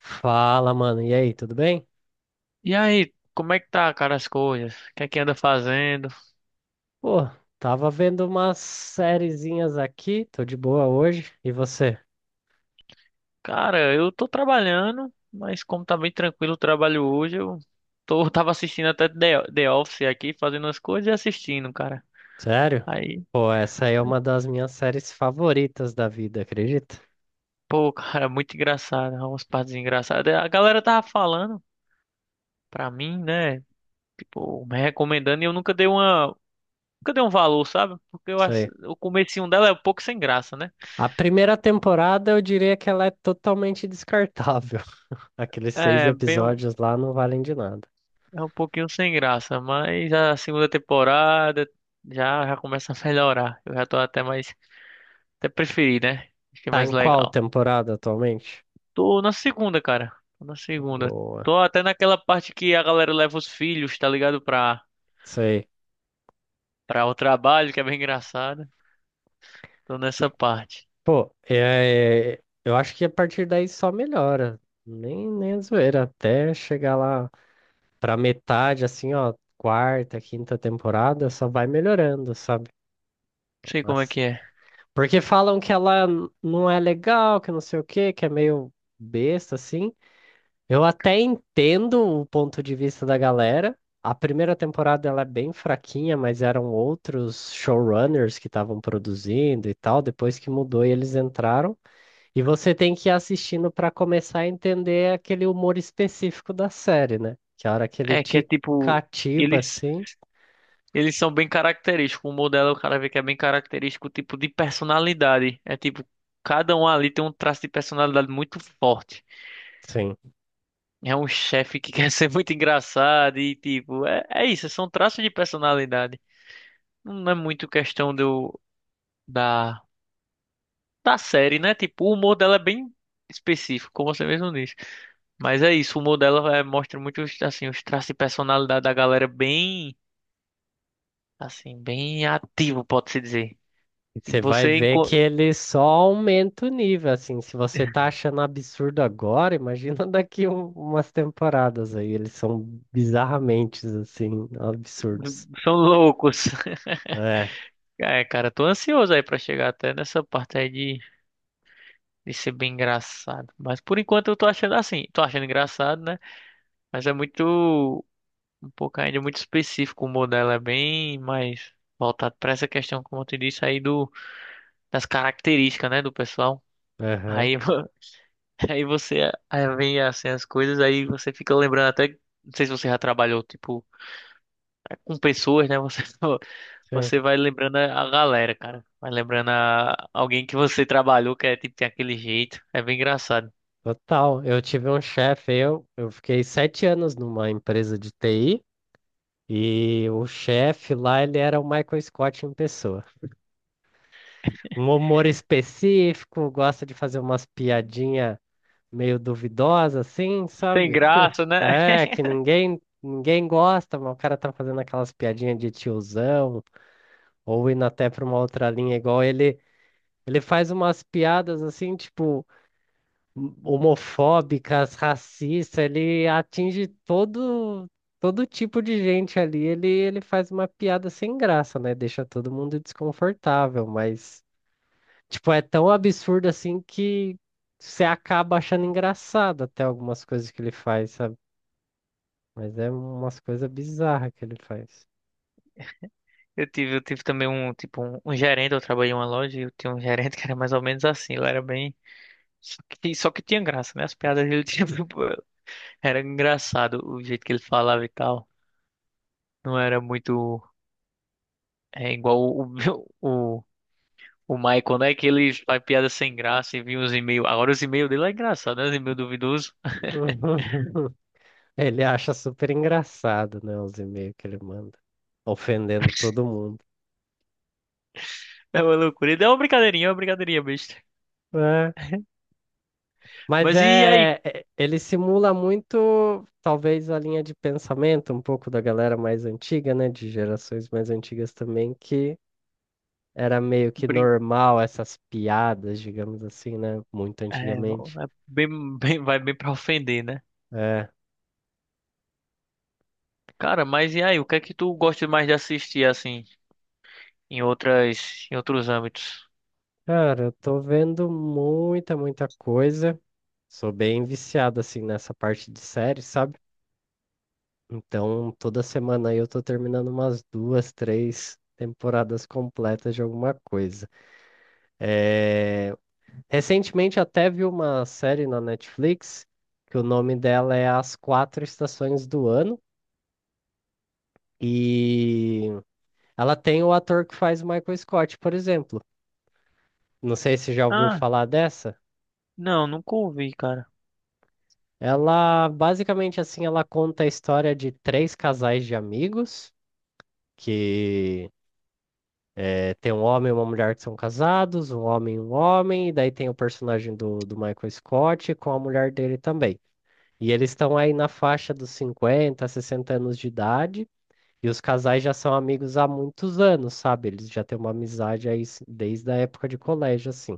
Fala, mano. E aí, tudo bem? E aí, como é que tá, cara, as coisas? O que é que anda fazendo? Pô, tava vendo umas sériezinhas aqui, tô de boa hoje. E você? Cara, eu tô trabalhando, mas como tá bem tranquilo o trabalho hoje, eu tô, tava assistindo até The Office aqui, fazendo as coisas e assistindo, cara. Sério? Aí, Pô, essa aí é uma das minhas séries favoritas da vida, acredita? pô, cara, muito engraçado, umas partes engraçadas. A galera tava falando pra mim, né, tipo, me recomendando e eu nunca nunca dei um valor, sabe? Porque Isso aí. o comecinho dela é um pouco sem graça, né? A primeira temporada eu diria que ela é totalmente descartável. Aqueles seis É, bem, episódios lá não valem de nada. é um pouquinho sem graça, mas a segunda temporada já começa a melhorar. Eu já tô até mais. Até preferi, né? Achei Tá mais em qual legal. temporada atualmente? Tô na segunda, cara. Tô na segunda. Boa. Tô até naquela parte que a galera leva os filhos, tá ligado? Pra, Isso aí. pra o trabalho, que é bem engraçado. Tô nessa parte. Pô, é, eu acho que a partir daí só melhora. Nem a zoeira, até chegar lá pra metade, assim, ó, quarta, quinta temporada, só vai melhorando, sabe? Não sei como é Mas, que é. porque falam que ela não é legal, que não sei o quê, que é meio besta, assim. Eu até entendo o ponto de vista da galera. A primeira temporada ela é bem fraquinha, mas eram outros showrunners que estavam produzindo e tal. Depois que mudou e eles entraram. E você tem que ir assistindo para começar a entender aquele humor específico da série, né? Que a hora que ele É que é te tipo. cativa, Eles, assim, eles são bem característicos. O modelo, o cara vê que é bem característico, tipo de personalidade. É tipo. Cada um ali tem um traço de personalidade muito forte. sim. É um chefe que quer ser muito engraçado e tipo, é, é isso, são traços de personalidade. Não é muito questão do da da série, né? Tipo, o humor dela é bem específico, como você mesmo disse. Mas é isso, o humor dela é, mostra muito os, assim, os traços de personalidade da galera bem assim, bem ativo, pode-se dizer. E E você vai Você ver enco- que ele só aumenta o nível, assim. Se você tá achando absurdo agora, imagina daqui umas temporadas aí. Eles são bizarramente, assim, absurdos. são loucos. É, É, cara, tô ansioso aí pra chegar até nessa parte aí de ser bem engraçado. Mas por enquanto eu tô achando assim, tô achando engraçado, né? Mas é muito, um pouco ainda muito específico o modelo, é bem mais voltado para essa questão, como eu te disse, aí do, das características, né, do pessoal. aham, Aí, vo- aí você, aí vem assim as coisas, aí você fica lembrando até, não sei se você já trabalhou, tipo, é, com pessoas, né, você, sim. você vai lembrando a galera, cara. Vai lembrando a alguém que você trabalhou, que é tipo, tem aquele jeito. É bem engraçado. Total. Eu tive um chefe, eu fiquei 7 anos numa empresa de TI e o chefe lá, ele era o Michael Scott em pessoa. Um humor específico, gosta de fazer umas piadinhas meio duvidosas, assim, Sem sabe? graça, né? É, que ninguém gosta, mas o cara tá fazendo aquelas piadinhas de tiozão, ou indo até pra uma outra linha, igual ele, ele faz umas piadas assim, tipo, homofóbicas, racistas, ele atinge todo tipo de gente ali, ele faz uma piada sem graça, né? Deixa todo mundo desconfortável, mas, tipo, é tão absurdo assim que você acaba achando engraçado até algumas coisas que ele faz, sabe? Mas é umas coisas bizarras que ele faz. Eu tive também um, tipo, um gerente, eu trabalhei em uma loja e eu tinha um gerente que era mais ou menos assim, ele era bem... só que tinha graça, né? As piadas dele tinha... Era engraçado o jeito que ele falava e tal. Não era muito... É igual o, o, o Michael, né? Que ele faz piada sem graça e vinha os e-mails. Agora os e-mails dele é engraçado, né? Os e-mails duvidosos. Ele acha super engraçado, né, os e-mails que ele manda, ofendendo todo mundo. É uma loucura. Ele é uma brincadeirinha, é uma brincadeirinha besta. É, mas Mas e aí? é, ele simula muito, talvez, a linha de pensamento um pouco da galera mais antiga, né, de gerações mais antigas também, que era meio que Brin... normal essas piadas, digamos assim, né, muito É, é antigamente. bem, bem- vai bem pra ofender, né? É, Cara, mas e aí, o que é que tu gosta mais de assistir assim em outras em outros âmbitos? cara, eu tô vendo muita, muita coisa. Sou bem viciado assim nessa parte de série, sabe? Então, toda semana aí eu tô terminando umas duas, três temporadas completas de alguma coisa. Recentemente até vi uma série na Netflix que o nome dela é As Quatro Estações do Ano e ela tem o ator que faz Michael Scott, por exemplo. Não sei se já ouviu Ah, falar dessa. não, nunca ouvi, cara. Ela basicamente assim, ela conta a história de três casais de amigos que é, tem um homem e uma mulher que são casados, um homem, e daí tem o personagem do, Michael Scott com a mulher dele também. E eles estão aí na faixa dos 50, 60 anos de idade, e os casais já são amigos há muitos anos, sabe? Eles já têm uma amizade aí desde a época de colégio, assim.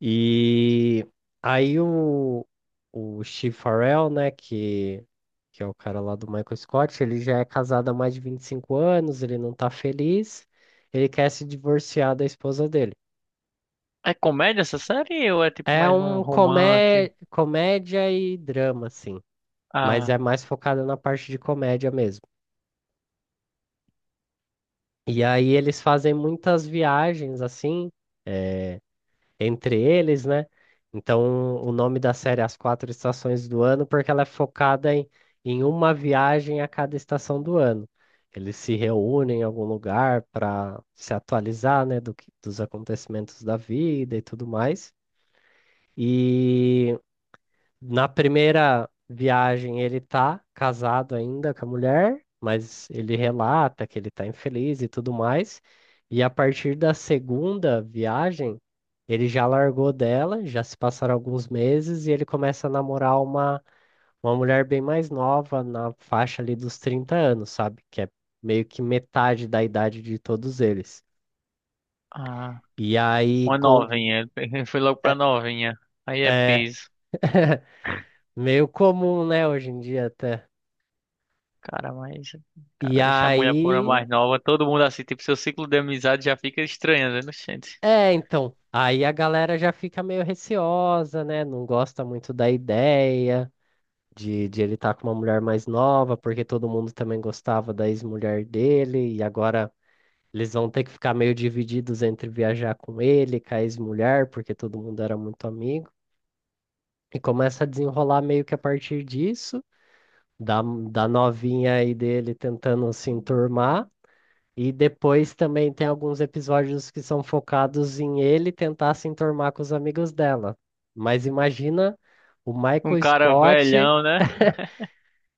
E aí o Steve Farrell, né, que é o cara lá do Michael Scott, ele já é casado há mais de 25 anos, ele não tá feliz, ele quer se divorciar da esposa dele. É comédia essa série ou é tipo É mais um um romance? Comédia e drama, assim, mas é Ah, mais focada na parte de comédia mesmo. E aí eles fazem muitas viagens, assim, eh, entre eles, né? Então, o nome da série é As Quatro Estações do Ano, porque ela é focada em uma viagem a cada estação do ano. Eles se reúnem em algum lugar para se atualizar, né, dos acontecimentos da vida e tudo mais. E na primeira viagem, ele tá casado ainda com a mulher, mas ele relata que ele tá infeliz e tudo mais. E a partir da segunda viagem, ele já largou dela, já se passaram alguns meses e ele começa a namorar uma mulher bem mais nova, na faixa ali dos 30 anos, sabe? Que é meio que metade da idade de todos eles. ah, E aí, uma com. novinha. Ele foi logo é pra novinha. Aí é é piso. meio comum, né, hoje em dia até. Cara, mas E cara, deixar a mulher por uma aí, mais nova, todo mundo assim, tipo, seu ciclo de amizade já fica estranho, né, gente? é, então, aí a galera já fica meio receosa, né? Não gosta muito da ideia de, ele estar com uma mulher mais nova, porque todo mundo também gostava da ex-mulher dele, e agora eles vão ter que ficar meio divididos entre viajar com ele, com a ex-mulher, porque todo mundo era muito amigo. E começa a desenrolar meio que a partir disso, da, da novinha aí dele tentando se enturmar. E depois também tem alguns episódios que são focados em ele tentar se enturmar com os amigos dela. Mas imagina o Um Michael cara Scott, velhão, né?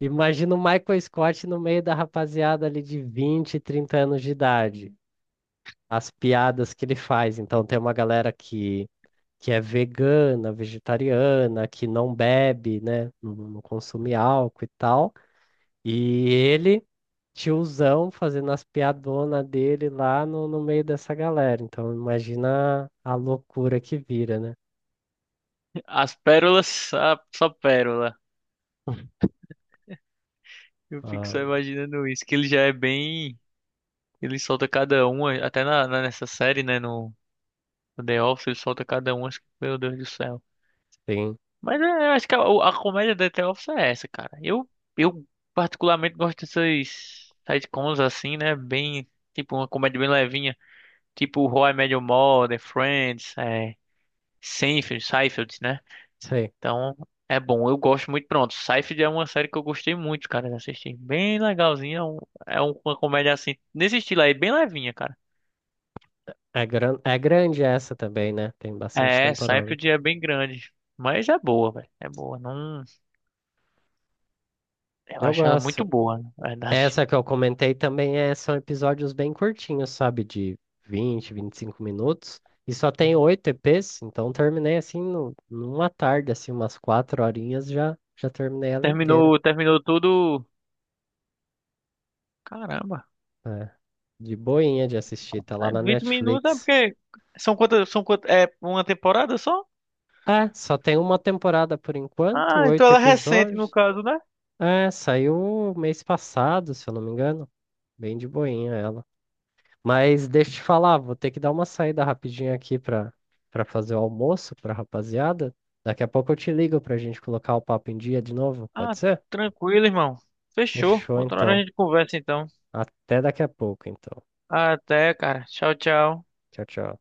imagina o Michael Scott no meio da rapaziada ali de 20, 30 anos de idade. As piadas que ele faz. Então tem uma galera que, é vegana, vegetariana, que não bebe, né? Não consome álcool e tal. E ele tiozão fazendo as piadonas dele lá no meio dessa galera. Então, imagina a loucura que vira, né? As pérolas, só, só pérola. Eu fico Ah, só imaginando isso, que ele já é bem. Ele solta cada uma, até na, na- nessa série, né? No, no The Office, ele solta cada uma, acho que- meu Deus do céu. sim, Mas é, eu acho que a comédia da The Office é essa, cara. Eu particularmente gosto dessas sitcoms assim, né? Bem, tipo, uma comédia bem levinha. Tipo How I Met Your Mother, Friends, é, Seinfeld, né? sim. Então, é bom. Eu gosto muito. Pronto, Seinfeld é uma série que eu gostei muito, cara, de assistir. Bem legalzinha. É um- é uma comédia assim, nesse estilo aí, bem levinha, cara. É, gran é grande essa também, né? Tem bastante É, sai pro temporada. dia bem grande. Mas é boa, velho. É boa. Não... Eu Eu acho ela muito gosto. boa, na verdade. Essa que eu comentei também é, são episódios bem curtinhos, sabe? De 20, 25 minutos. E só tem oito EPs, então terminei assim no, numa tarde, assim, umas 4 horinhas já, já terminei ela inteira. Terminou, terminou tudo. Caramba. É, de boinha de assistir, tá lá Ah, na 20 minutos é Netflix. porque. São quantas? São quantas? É uma temporada só? É, só tem uma temporada por enquanto, Ah, então oito ela é recente no episódios. caso, né? É, saiu mês passado, se eu não me engano. Bem de boinha ela. Mas deixa eu te falar, vou ter que dar uma saída rapidinho aqui pra, fazer o almoço pra rapaziada. Daqui a pouco eu te ligo pra gente colocar o papo em dia de novo, Ah, pode ser? tranquilo, irmão. Fechou. Fechou Outra hora a então. gente conversa então. Até daqui a pouco, então. Até, cara. Tchau, tchau. Tchau, tchau.